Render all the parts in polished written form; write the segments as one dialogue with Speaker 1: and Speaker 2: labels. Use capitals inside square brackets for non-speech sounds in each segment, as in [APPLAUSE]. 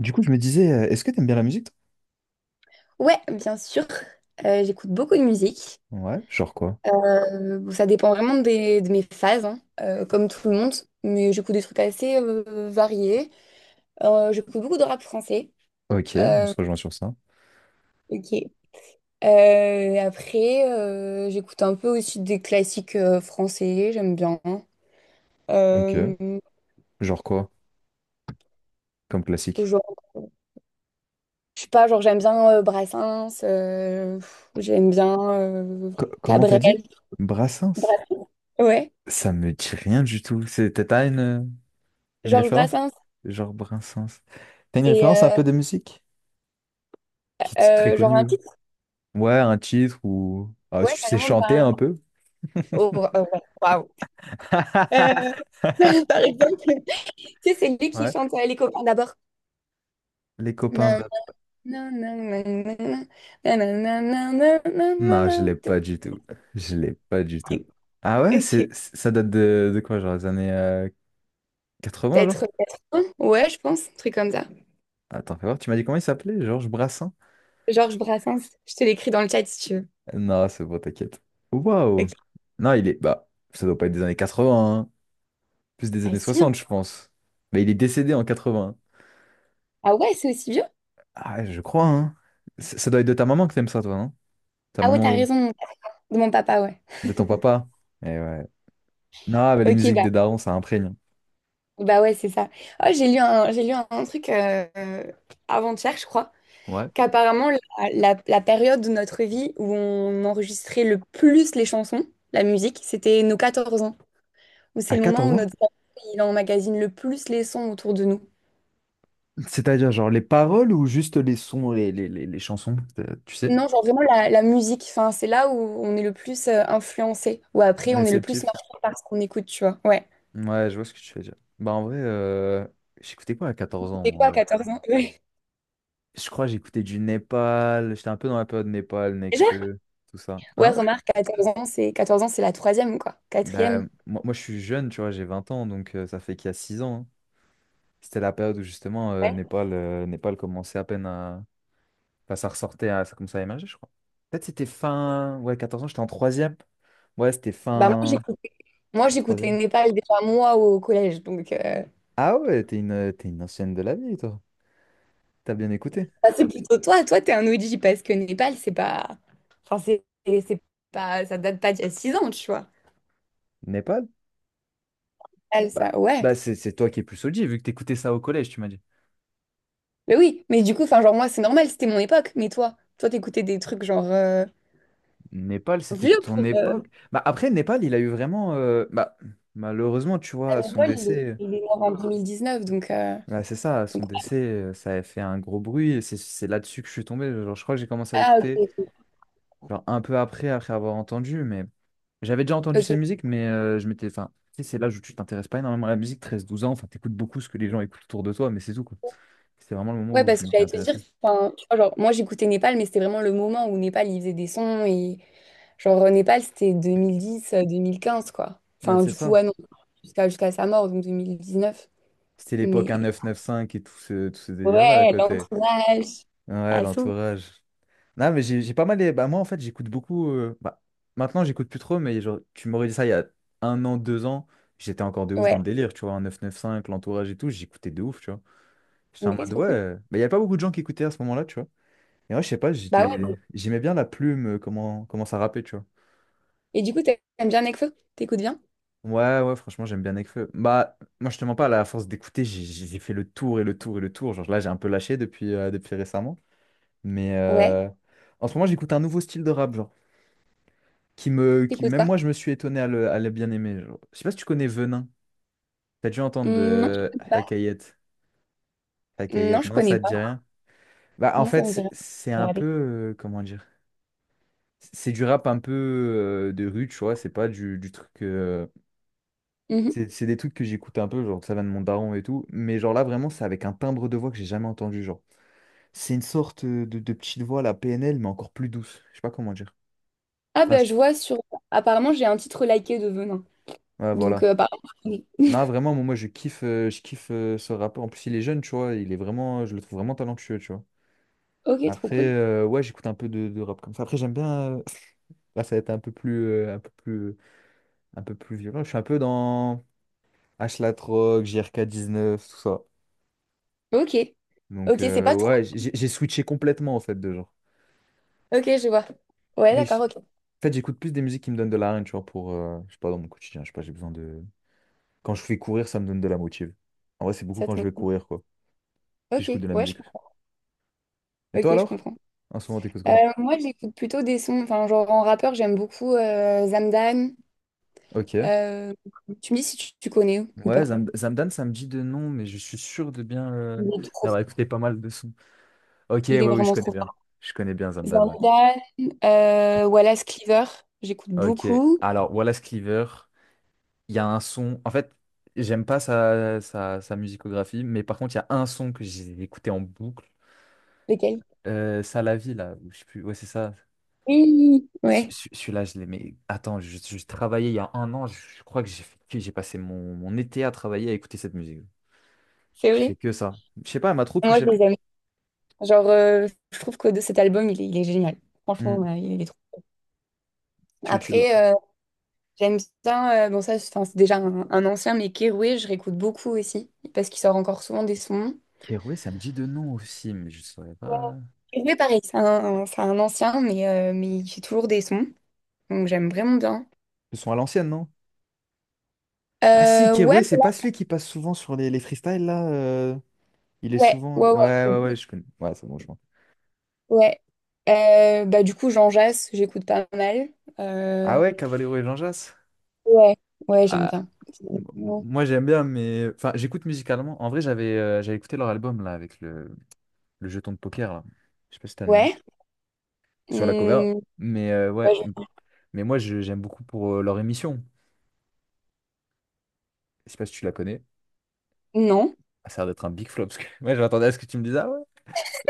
Speaker 1: Du coup, je me disais, est-ce que t'aimes bien la musique,
Speaker 2: Ouais, bien sûr. J'écoute beaucoup de musique.
Speaker 1: toi? Ouais. Genre quoi?
Speaker 2: Bon, ça dépend vraiment de mes phases, hein, comme tout le monde. Mais j'écoute des trucs assez variés. J'écoute beaucoup de rap français.
Speaker 1: Ok, on
Speaker 2: Euh,
Speaker 1: se rejoint sur ça.
Speaker 2: ok. Après, j'écoute un peu aussi des classiques français. J'aime bien.
Speaker 1: Ok.
Speaker 2: Euh,
Speaker 1: Genre quoi? Comme classique.
Speaker 2: genre, je sais pas, genre j'aime bien Brassens. J'aime bien
Speaker 1: Comment t'as
Speaker 2: Cabrel.
Speaker 1: dit? Brassens?
Speaker 2: Bra- ouais.
Speaker 1: Ça me dit rien du tout. T'as une
Speaker 2: Georges
Speaker 1: référence?
Speaker 2: Brassens.
Speaker 1: Genre Brassens. T'as une
Speaker 2: C'est
Speaker 1: référence un peu de musique? Qui est très
Speaker 2: Genre
Speaker 1: connue,
Speaker 2: un
Speaker 1: là.
Speaker 2: petit.
Speaker 1: Ouais, un titre ou... Ah, tu
Speaker 2: Ouais,
Speaker 1: sais
Speaker 2: carrément,
Speaker 1: chanter
Speaker 2: bah,
Speaker 1: un peu?
Speaker 2: oh, oh, ouais, waouh. Euh,
Speaker 1: [LAUGHS]
Speaker 2: [LAUGHS] Par exemple, tu sais, c'est lui qui
Speaker 1: Ouais.
Speaker 2: chante Les copains d'abord.
Speaker 1: Les copains
Speaker 2: Nan,
Speaker 1: de...
Speaker 2: nan, nan, nan, nan, nan, nan, nan, nan, nan, nan,
Speaker 1: Non, je l'ai
Speaker 2: nan.
Speaker 1: pas du tout. Je l'ai pas du tout. Ah ouais,
Speaker 2: Ok.
Speaker 1: c'est, ça date de quoi? Genre les années 80, genre?
Speaker 2: Peut-être, peut-être un. Ouais, je pense, un truc comme ça.
Speaker 1: Attends, fais voir, tu m'as dit comment il s'appelait? Georges Brassens?
Speaker 2: Georges Brassens, je te l'écris dans le chat si tu veux.
Speaker 1: Non, c'est bon, t'inquiète.
Speaker 2: Ok.
Speaker 1: Waouh! Non, il est. Bah, ça doit pas être des années 80, hein. Plus des
Speaker 2: Ah
Speaker 1: années
Speaker 2: si, hein.
Speaker 1: 60, je pense. Mais il est décédé en 80.
Speaker 2: Ah ouais, c'est aussi vieux?
Speaker 1: Ah, je crois, hein. Ça doit être de ta maman que t'aimes ça, toi, non? Ta
Speaker 2: Ah ouais, t'as
Speaker 1: maman ou
Speaker 2: raison, de mon papa, ouais.
Speaker 1: de ton papa? Eh ouais. Non, mais les
Speaker 2: Ok,
Speaker 1: musiques
Speaker 2: bah,
Speaker 1: des darons, ça imprègne.
Speaker 2: bah ouais, c'est ça. Oh, j'ai lu un truc avant-hier, je crois.
Speaker 1: Ouais.
Speaker 2: Qu'apparemment, la période de notre vie où on enregistrait le plus les chansons, la musique, c'était nos 14 ans, où c'est
Speaker 1: À
Speaker 2: le moment
Speaker 1: 14
Speaker 2: où
Speaker 1: ans?
Speaker 2: notre cerveau, il emmagasine le plus les sons autour de nous.
Speaker 1: C'est-à-dire, genre, les paroles ou juste les sons, les chansons, tu sais?
Speaker 2: Non, genre vraiment la musique, enfin, c'est là où on est le plus influencé, ou après on est le plus
Speaker 1: Réceptif.
Speaker 2: marqué par ce qu'on écoute, tu vois. Ouais.
Speaker 1: Ouais, je vois ce que tu veux dire. Bah, en vrai, j'écoutais quoi à 14 ans,
Speaker 2: C'était
Speaker 1: moi, en
Speaker 2: quoi, à
Speaker 1: vrai.
Speaker 2: 14 ans? Ouais.
Speaker 1: Je crois que j'écoutais du Népal. J'étais un peu dans la période Népal,
Speaker 2: Déjà?
Speaker 1: Nekfeu, tout ça.
Speaker 2: Ouais,
Speaker 1: Hein?
Speaker 2: remarque, 14 ans, c'est la troisième, quoi.
Speaker 1: Bah,
Speaker 2: Quatrième.
Speaker 1: moi, moi, je suis jeune, tu vois, j'ai 20 ans, donc ça fait qu'il y a 6 ans, hein. C'était la période où justement
Speaker 2: Ouais.
Speaker 1: Népal, Népal commençait à peine à. Enfin, ça ressortait, à... ça commençait à émerger, je crois. Peut-être c'était fin. Ouais, 14 ans, j'étais en troisième. Ouais, c'était
Speaker 2: Bah moi
Speaker 1: fin.
Speaker 2: j'écoutais moi
Speaker 1: En
Speaker 2: j'écoutais
Speaker 1: troisième.
Speaker 2: Népal déjà moi au collège, donc.
Speaker 1: Ah ouais, t'es une ancienne de la vie, toi. T'as bien écouté.
Speaker 2: Bah, c'est plutôt toi, toi t'es un OG parce que Népal c'est pas, enfin c'est pas, ça date pas d'il y a 6 ans, tu vois.
Speaker 1: Népal?
Speaker 2: Népal,
Speaker 1: Bah,
Speaker 2: ça, ouais.
Speaker 1: bah c'est toi qui es plus OG, vu que t'écoutais ça au collège, tu m'as dit.
Speaker 2: Mais oui, mais du coup, enfin genre moi c'est normal, c'était mon époque, mais toi t'écoutais des trucs genre euh,
Speaker 1: Népal, c'était
Speaker 2: vieux
Speaker 1: ton
Speaker 2: pour euh,
Speaker 1: époque. Bah, après, Népal, il a eu vraiment. Malheureusement, tu vois,
Speaker 2: à
Speaker 1: à son
Speaker 2: Népal,
Speaker 1: décès.
Speaker 2: il est mort en 2019, donc euh,
Speaker 1: Ouais, c'est ça, à son
Speaker 2: donc
Speaker 1: décès, ça a fait un gros bruit. Et c'est là-dessus que je suis tombé. Genre, je crois que j'ai commencé à
Speaker 2: ah, ok,
Speaker 1: l'écouter
Speaker 2: ok.
Speaker 1: genre, un peu après, après avoir entendu. Mais j'avais déjà entendu ses
Speaker 2: Ok.
Speaker 1: musiques, mais je m'étais. Enfin, tu sais, c'est l'âge où tu t'intéresses pas énormément à la musique, 13, 12 ans. Enfin, t'écoutes beaucoup ce que les gens écoutent autour de toi, mais c'est tout, quoi. C'était vraiment le moment
Speaker 2: Ouais,
Speaker 1: où
Speaker 2: parce
Speaker 1: je
Speaker 2: que
Speaker 1: m'étais
Speaker 2: j'allais te dire,
Speaker 1: intéressé.
Speaker 2: enfin tu vois genre moi j'écoutais Népal, mais c'était vraiment le moment où Népal il faisait des sons et Népal c'était 2010, 2015 quoi.
Speaker 1: Ouais,
Speaker 2: Enfin
Speaker 1: c'est
Speaker 2: du coup
Speaker 1: ça.
Speaker 2: ouais non jusqu'à sa mort donc 2019.
Speaker 1: C'était l'époque
Speaker 2: Mais
Speaker 1: 1995 et tout ce délire-là, à
Speaker 2: ouais,
Speaker 1: côté.
Speaker 2: l'entourage.
Speaker 1: Ouais,
Speaker 2: À son.
Speaker 1: l'entourage. Non, mais j'ai pas mal. Bah, moi, en fait, j'écoute beaucoup. Bah, maintenant, j'écoute plus trop, mais genre, tu m'aurais dit ça il y a 1 an, 2 ans, j'étais encore de ouf dans
Speaker 2: Ouais,
Speaker 1: le délire, tu vois, 1995 l'entourage et tout, j'écoutais de ouf, tu vois. J'étais en
Speaker 2: mais c'est
Speaker 1: mode,
Speaker 2: trop
Speaker 1: ouais.
Speaker 2: cool.
Speaker 1: Bah il y a pas beaucoup de gens qui écoutaient à ce moment-là, tu vois. Et moi, je sais pas,
Speaker 2: Bah ouais,
Speaker 1: j'étais...
Speaker 2: bon.
Speaker 1: j'aimais bien la plume, comment... comment ça rappait, tu vois.
Speaker 2: Et du coup, t'aimes bien Nekfeu? T'écoutes bien?
Speaker 1: Ouais, ouais, franchement, j'aime bien Nekfeu. Bah, moi, je te mens pas, là, à force d'écouter, j'ai fait le tour et le tour et le tour. Genre, là, j'ai un peu lâché depuis, depuis récemment. Mais
Speaker 2: Ouais.
Speaker 1: en ce moment, j'écoute un nouveau style de rap, genre. Qui me, qui,
Speaker 2: T'écoutes
Speaker 1: même
Speaker 2: quoi?
Speaker 1: moi, je me suis étonné à le bien aimer, genre. Je sais pas si tu connais Venin. T'as dû entendre
Speaker 2: Hmm, non, je
Speaker 1: de
Speaker 2: connais pas.
Speaker 1: Hakayet.
Speaker 2: Mmh,
Speaker 1: Hakayet,
Speaker 2: non, je
Speaker 1: non,
Speaker 2: connais
Speaker 1: ça te
Speaker 2: pas.
Speaker 1: dit rien? Bah, en
Speaker 2: Non, ça
Speaker 1: fait,
Speaker 2: me
Speaker 1: c'est
Speaker 2: dirait.
Speaker 1: c'est un peu,
Speaker 2: Regardez.
Speaker 1: comment dire? C'est du rap un peu de rue, tu vois. C'est pas du, du truc.
Speaker 2: Mhm.
Speaker 1: C'est des trucs que j'écoute un peu, genre ça va de mon daron et tout. Mais genre là, vraiment, c'est avec un timbre de voix que j'ai jamais entendu, genre. C'est une sorte de petite voix, la PNL, mais encore plus douce. Je sais pas comment dire.
Speaker 2: Ah
Speaker 1: Enfin,
Speaker 2: bah
Speaker 1: je-
Speaker 2: je vois sur... Apparemment, j'ai un titre liké de Venin.
Speaker 1: ouais,
Speaker 2: Donc,
Speaker 1: voilà.
Speaker 2: apparemment, je connais.
Speaker 1: Non, vraiment, moi, moi, je kiffe ce rappeur. En plus, il est jeune, tu vois. Il est vraiment, je le trouve vraiment talentueux, tu vois.
Speaker 2: Ok, trop
Speaker 1: Après,
Speaker 2: cool.
Speaker 1: ouais, j'écoute un peu de rap comme ça. Après, j'aime bien. [LAUGHS] Là, ça va être un peu plus, un peu plus, un peu plus violent. Je suis un peu dans H La Troc, JRK19, tout ça.
Speaker 2: Ok.
Speaker 1: Donc,
Speaker 2: Ok, c'est pas
Speaker 1: ouais,
Speaker 2: trop.
Speaker 1: j'ai switché complètement, en fait, de genre.
Speaker 2: Ok, je vois. Ouais,
Speaker 1: Mais
Speaker 2: d'accord,
Speaker 1: en
Speaker 2: ok.
Speaker 1: fait, j'écoute plus des musiques qui me donnent de la rime, tu vois, pour, je sais pas, dans mon quotidien. Je sais pas, j'ai besoin de. Quand je fais courir, ça me donne de la motive. En vrai, c'est beaucoup
Speaker 2: Ça
Speaker 1: quand
Speaker 2: te
Speaker 1: je vais
Speaker 2: motive.
Speaker 1: courir, quoi. Puis
Speaker 2: Ok,
Speaker 1: j'écoute de la
Speaker 2: ouais, je
Speaker 1: musique.
Speaker 2: comprends.
Speaker 1: Et
Speaker 2: Ok,
Speaker 1: toi,
Speaker 2: je
Speaker 1: alors?
Speaker 2: comprends.
Speaker 1: En ce moment, t'écoutes
Speaker 2: Euh,
Speaker 1: quoi?
Speaker 2: Moi, j'écoute plutôt des sons. Enfin, genre en rappeur, j'aime beaucoup Zamdan.
Speaker 1: Ok.
Speaker 2: Euh, Tu me dis si tu connais ou
Speaker 1: Ouais,
Speaker 2: pas.
Speaker 1: Zamdan, ça me dit de nom, mais je suis sûr de bien
Speaker 2: Il est trop
Speaker 1: d'avoir
Speaker 2: fort.
Speaker 1: écouté pas mal de sons. Ok, ouais,
Speaker 2: Il est
Speaker 1: oui, je
Speaker 2: vraiment
Speaker 1: connais
Speaker 2: trop
Speaker 1: bien.
Speaker 2: fort.
Speaker 1: Je connais bien Zamdan,
Speaker 2: Van
Speaker 1: ouais.
Speaker 2: Damme, Wallace Cleaver, j'écoute
Speaker 1: Ok.
Speaker 2: beaucoup.
Speaker 1: Alors, Wallace Cleaver, il y a un son. En fait, j'aime pas sa musicographie, mais par contre, il y a un son que j'ai écouté en boucle.
Speaker 2: Lesquels?
Speaker 1: Ça la vie, là. Ou je sais plus. Ouais, c'est ça.
Speaker 2: Oui, ouais,
Speaker 1: Celui-là, je l'ai. Mais attends, je travaillais il y a 1 an. Je crois que j'ai fait- que j'ai passé mon, mon été à travailler à écouter cette musique.
Speaker 2: c'est
Speaker 1: J'ai fait
Speaker 2: vrai.
Speaker 1: que ça. Je sais pas, elle m'a trop
Speaker 2: Moi, je
Speaker 1: touché.
Speaker 2: les aime. Genre, euh, je trouve que de cet album, il est génial. Franchement,
Speaker 1: Hmm.
Speaker 2: ouais, il est trop.
Speaker 1: Tu, tu.
Speaker 2: Après, j'aime bien, c'est déjà un ancien, mais Keroué, je réécoute beaucoup aussi, parce qu'il sort encore souvent des sons.
Speaker 1: Keroué, ça me dit de nom aussi, mais je saurais
Speaker 2: Ouais.
Speaker 1: pas.
Speaker 2: Keroué, pareil, c'est un ancien, mais il fait toujours des sons. Donc, j'aime vraiment bien.
Speaker 1: Ils sont à l'ancienne, non? Ah si,
Speaker 2: Euh, ouais,
Speaker 1: Keroué, c'est pas celui qui passe souvent sur les freestyles, là. Il est
Speaker 2: ouais,
Speaker 1: souvent...
Speaker 2: ouais, ouais,
Speaker 1: Ouais, ouais, ouais,
Speaker 2: j'écoute,
Speaker 1: je connais. Ouais, c'est bon, je vois.
Speaker 2: ouais. Du coup, Jean Jass, j'écoute pas mal.
Speaker 1: Ah
Speaker 2: Euh,
Speaker 1: ouais, Cavallero et Jean Jass?
Speaker 2: ouais, ouais, j'aime
Speaker 1: Ah,
Speaker 2: bien.
Speaker 1: m- moi j'aime bien, mais enfin j'écoute musicalement. En vrai, j'avais écouté leur album là avec le jeton de poker là. Je sais pas si t'as le nom
Speaker 2: Ouais,
Speaker 1: sur la cover,
Speaker 2: hum,
Speaker 1: mais ouais.
Speaker 2: ouais, je...
Speaker 1: Mais moi j'aime beaucoup pour leur émission. Je sais pas si tu la connais.
Speaker 2: Non.
Speaker 1: Ah, ça a l'air d'être un big flop parce que [LAUGHS] moi je m'attendais à ce que tu me dises. Ah ouais.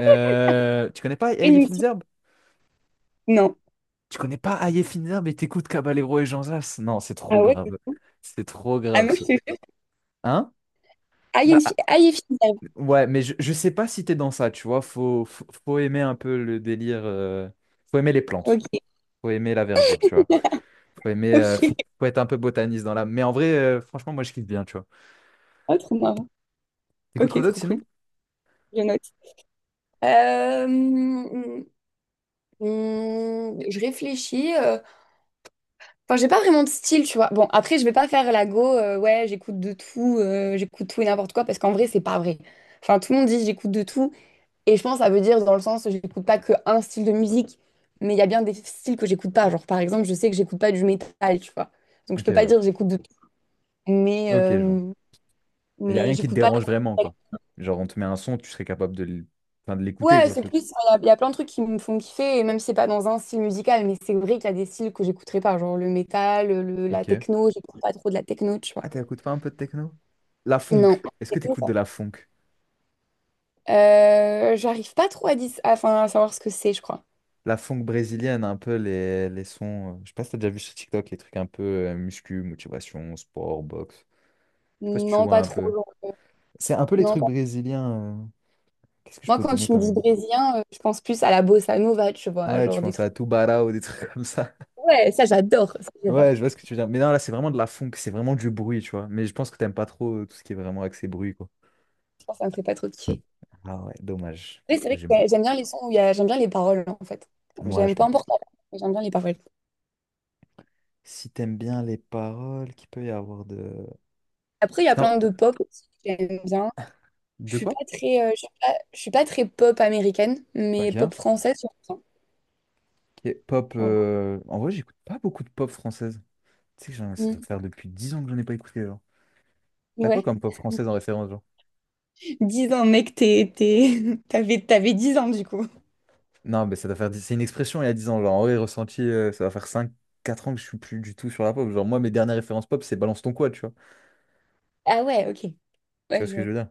Speaker 1: Tu connais pas
Speaker 2: Après,
Speaker 1: Hey
Speaker 2: une fille...
Speaker 1: Finzer.
Speaker 2: Non.
Speaker 1: Tu connais pas Ayefina, mais t'écoutes Caballero et Jean Zas? Non, c'est
Speaker 2: Ah
Speaker 1: trop
Speaker 2: ouais?
Speaker 1: grave. C'est trop
Speaker 2: Ah
Speaker 1: grave,
Speaker 2: non, je
Speaker 1: ça.
Speaker 2: te jure.
Speaker 1: Hein?
Speaker 2: Ah, il y a
Speaker 1: Bah,
Speaker 2: une
Speaker 1: ah,
Speaker 2: fille. Ah, il y a une fille derrière.
Speaker 1: ouais, mais je sais pas si t'es dans ça, tu vois. Faut aimer un peu le délire. Faut aimer les
Speaker 2: Ok,
Speaker 1: plantes.
Speaker 2: ok.
Speaker 1: Faut aimer la verdure, tu vois. Faut aimer. euh, Faut,
Speaker 2: [LAUGHS]
Speaker 1: faut être un peu botaniste dans l'âme. Mais en vrai, franchement, moi, je kiffe bien, tu vois.
Speaker 2: Oh, trop marrant.
Speaker 1: T'écoutes
Speaker 2: Ok,
Speaker 1: quoi d'autre
Speaker 2: trop
Speaker 1: sinon?
Speaker 2: cool. Je note. Euh, hum, je réfléchis. Enfin, j'ai pas vraiment de style, tu vois. Bon, après, je vais pas faire la go, ouais, j'écoute de tout, j'écoute tout et n'importe quoi, parce qu'en vrai, c'est pas vrai. Enfin, tout le monde dit j'écoute de tout, et je pense que ça veut dire dans le sens, j'écoute pas que un style de musique, mais il y a bien des styles que j'écoute pas. Genre, par exemple, je sais que j'écoute pas du métal, tu vois. Donc, je
Speaker 1: Ok,
Speaker 2: peux pas
Speaker 1: ouais.
Speaker 2: dire j'écoute de tout, mais,
Speaker 1: Ok, je vois.
Speaker 2: euh,
Speaker 1: Il n'y a
Speaker 2: mais
Speaker 1: rien qui te
Speaker 2: j'écoute pas.
Speaker 1: dérange vraiment, quoi. Genre, on te met un son, tu serais capable de enfin, de l'écouter,
Speaker 2: Ouais,
Speaker 1: quoi.
Speaker 2: c'est plus, il y a plein de trucs qui me font kiffer, et même si c'est pas dans un style musical, mais c'est vrai qu'il y a des styles que j'écouterai pas, genre le métal, la
Speaker 1: Ok.
Speaker 2: techno, j'écoute pas trop de la techno, tu vois.
Speaker 1: Ah, t'écoutes pas un peu de techno? La funk.
Speaker 2: Non.
Speaker 1: Est-ce que t'écoutes de la funk?
Speaker 2: J'arrive pas trop à, enfin, à savoir ce que c'est, je crois.
Speaker 1: La funk brésilienne, un peu les sons. Je sais pas si t'as déjà vu sur TikTok les trucs un peu muscu, motivation, sport, boxe. Je sais pas si tu
Speaker 2: Non,
Speaker 1: vois
Speaker 2: pas
Speaker 1: un
Speaker 2: trop,
Speaker 1: peu.
Speaker 2: genre.
Speaker 1: C'est un peu les
Speaker 2: Non,
Speaker 1: trucs
Speaker 2: pas...
Speaker 1: brésiliens. Qu'est-ce que je
Speaker 2: Moi,
Speaker 1: peux te
Speaker 2: quand
Speaker 1: donner
Speaker 2: tu me
Speaker 1: comme
Speaker 2: dis
Speaker 1: exemple?
Speaker 2: brésilien, je pense plus à la bossa nova, tu vois,
Speaker 1: Ouais, tu
Speaker 2: genre des
Speaker 1: penses
Speaker 2: trucs.
Speaker 1: à Tubarão ou des trucs [LAUGHS] comme ça.
Speaker 2: Ouais, ça j'adore, ça j'adore.
Speaker 1: Ouais, je vois ce que tu veux dire. Mais non, là, c'est vraiment de la funk, c'est vraiment du bruit, tu vois. Mais je pense que t'aimes pas trop tout ce qui est vraiment axé bruit, quoi.
Speaker 2: Je pense que ça me fait pas trop kiffer.
Speaker 1: Ah ouais, dommage.
Speaker 2: Mais c'est
Speaker 1: Moi,
Speaker 2: vrai
Speaker 1: j'aime
Speaker 2: que
Speaker 1: beaucoup.
Speaker 2: j'aime bien les sons où il y a... j'aime bien les paroles, en fait.
Speaker 1: Ouais,
Speaker 2: J'aime
Speaker 1: je
Speaker 2: pas
Speaker 1: comprends.
Speaker 2: importe, la langue, mais j'aime bien les paroles.
Speaker 1: Si t'aimes bien les paroles, qu'il peut y avoir de...
Speaker 2: Après, il y a
Speaker 1: C'est un-
Speaker 2: plein de pop aussi que j'aime bien. Je
Speaker 1: De
Speaker 2: suis
Speaker 1: quoi?
Speaker 2: pas très, je suis pas très pop américaine, mais pop
Speaker 1: Ok.
Speaker 2: française, j'aime bien.
Speaker 1: Ok, pop.
Speaker 2: Genre,
Speaker 1: En vrai, j'écoute pas beaucoup de pop française. Tu sais que ça doit
Speaker 2: mm,
Speaker 1: faire depuis 10 ans que j'en ai pas écouté, genre. T'as quoi
Speaker 2: ouais.
Speaker 1: comme pop française en référence, genre?
Speaker 2: Dix ans, mec, t'es... [LAUGHS] T'avais 10 ans, du coup.
Speaker 1: Non, mais ça doit faire. C'est une expression il y a 10 ans. Genre, en vrai, ressenti, ça va faire 5, 4 ans que je suis plus du tout sur la pop. Genre, moi, mes dernières références pop, c'est Balance ton quoi, tu vois.
Speaker 2: Ah ouais, ok.
Speaker 1: Tu
Speaker 2: Ouais,
Speaker 1: vois ce
Speaker 2: je
Speaker 1: que je
Speaker 2: vois.
Speaker 1: veux dire?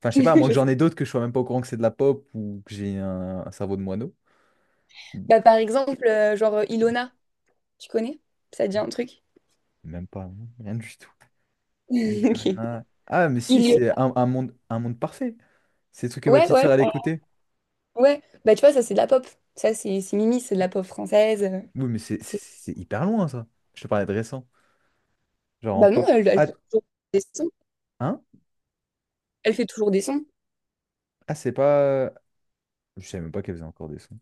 Speaker 1: Enfin, je sais pas, à
Speaker 2: [LAUGHS]
Speaker 1: moins
Speaker 2: Je
Speaker 1: que
Speaker 2: sais.
Speaker 1: j'en ai d'autres que je sois même pas au courant que c'est de la pop ou que j'ai un cerveau de moineau.
Speaker 2: Bah, par exemple, Ilona, tu connais? Ça te dit un truc? [LAUGHS]
Speaker 1: Même pas, hein, rien du tout. Il.
Speaker 2: Ok.
Speaker 1: Ah, mais si,
Speaker 2: Il...
Speaker 1: c'est un monde parfait. C'est le truc que ma
Speaker 2: Ouais,
Speaker 1: petite
Speaker 2: ouais,
Speaker 1: sœur, elle écoutait.
Speaker 2: ouais. Bah, tu vois, ça, c'est de la pop. Ça, c'est Mimi, c'est de la pop française.
Speaker 1: Oui, mais
Speaker 2: C'est...
Speaker 1: c'est hyper loin, ça. Je te parlais de récent. Genre en
Speaker 2: Bah, non,
Speaker 1: pop.
Speaker 2: elle
Speaker 1: Ah,
Speaker 2: fait toujours des sons.
Speaker 1: hein?
Speaker 2: Elle fait toujours des sons.
Speaker 1: Ah, c'est pas. Je savais même pas qu'elle faisait encore des sons.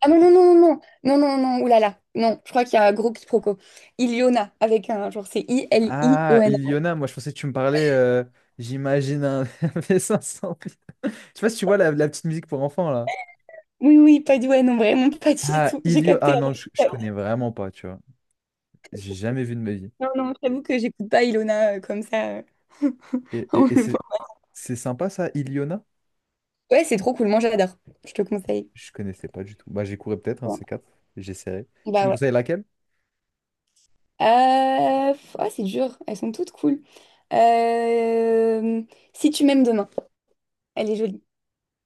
Speaker 2: Ah non, non, non, non, non, non, non, non, oulala. Non, je crois qu'il y a un gros quiproquo. Iliona, avec un genre, c'est
Speaker 1: Ah,
Speaker 2: I-L-I-O-N.
Speaker 1: Iliona, moi je pensais que tu me parlais, j'imagine un [LAUGHS] v cinq cents. Je sais pas si tu vois la, la petite musique pour enfants là.
Speaker 2: Oui, oui, pas du... Ouais, non, vraiment, pas du
Speaker 1: Ah,
Speaker 2: tout. J'ai capté.
Speaker 1: Ah non, je connais vraiment pas, tu vois. J'ai jamais vu de ma vie.
Speaker 2: Non, non, j'avoue que j'écoute pas Ilona comme ça, [LAUGHS] en
Speaker 1: Et
Speaker 2: le voit.
Speaker 1: c'est sympa ça, Iliona?
Speaker 2: Ouais, c'est trop cool. Moi, j'adore. Je te conseille.
Speaker 1: Je connaissais pas du tout. Bah j'écouterai peut-être un de
Speaker 2: Ouais.
Speaker 1: ces quatre. J'essaierai. Tu
Speaker 2: Bah
Speaker 1: me
Speaker 2: ouais.
Speaker 1: conseilles laquelle?
Speaker 2: C'est dur. Elles sont toutes cool. Euh, Si tu m'aimes demain. Elle est jolie.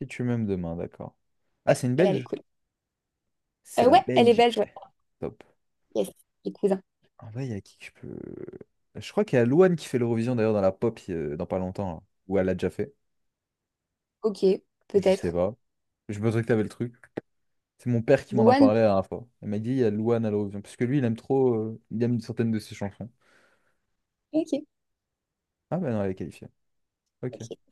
Speaker 1: Et tu m'aimes demain, d'accord. Ah,
Speaker 2: Ouais,
Speaker 1: c'est une
Speaker 2: elle est
Speaker 1: Belge?
Speaker 2: cool.
Speaker 1: C'est la
Speaker 2: Ouais, elle est belge.
Speaker 1: Belgique.
Speaker 2: Ouais.
Speaker 1: Top.
Speaker 2: Yes, les cousins.
Speaker 1: En vrai, il y a qui que je peux... Je crois qu'il y a Louane qui fait l'Eurovision d'ailleurs dans la pop dans pas longtemps, là. Ou elle l'a déjà fait.
Speaker 2: Ok,
Speaker 1: Je sais
Speaker 2: peut-être.
Speaker 1: pas. Je pensais que t'avais le truc. C'est mon père qui m'en a
Speaker 2: Douane.
Speaker 1: parlé la dernière fois. Il m'a dit, il y a Louane à l'horizon. Parce que lui, il aime trop, il aime certaines de ses chansons.
Speaker 2: Ok,
Speaker 1: Ah ben non, elle est qualifiée. Ok.
Speaker 2: ok.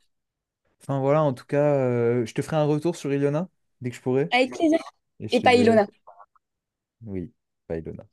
Speaker 1: Enfin voilà, en tout cas, je te ferai un retour sur Ilona, dès que je pourrai.
Speaker 2: Avec plaisir.
Speaker 1: Et je
Speaker 2: Et
Speaker 1: te
Speaker 2: pas
Speaker 1: dirai,
Speaker 2: Ilona.
Speaker 1: oui, pas Ilona.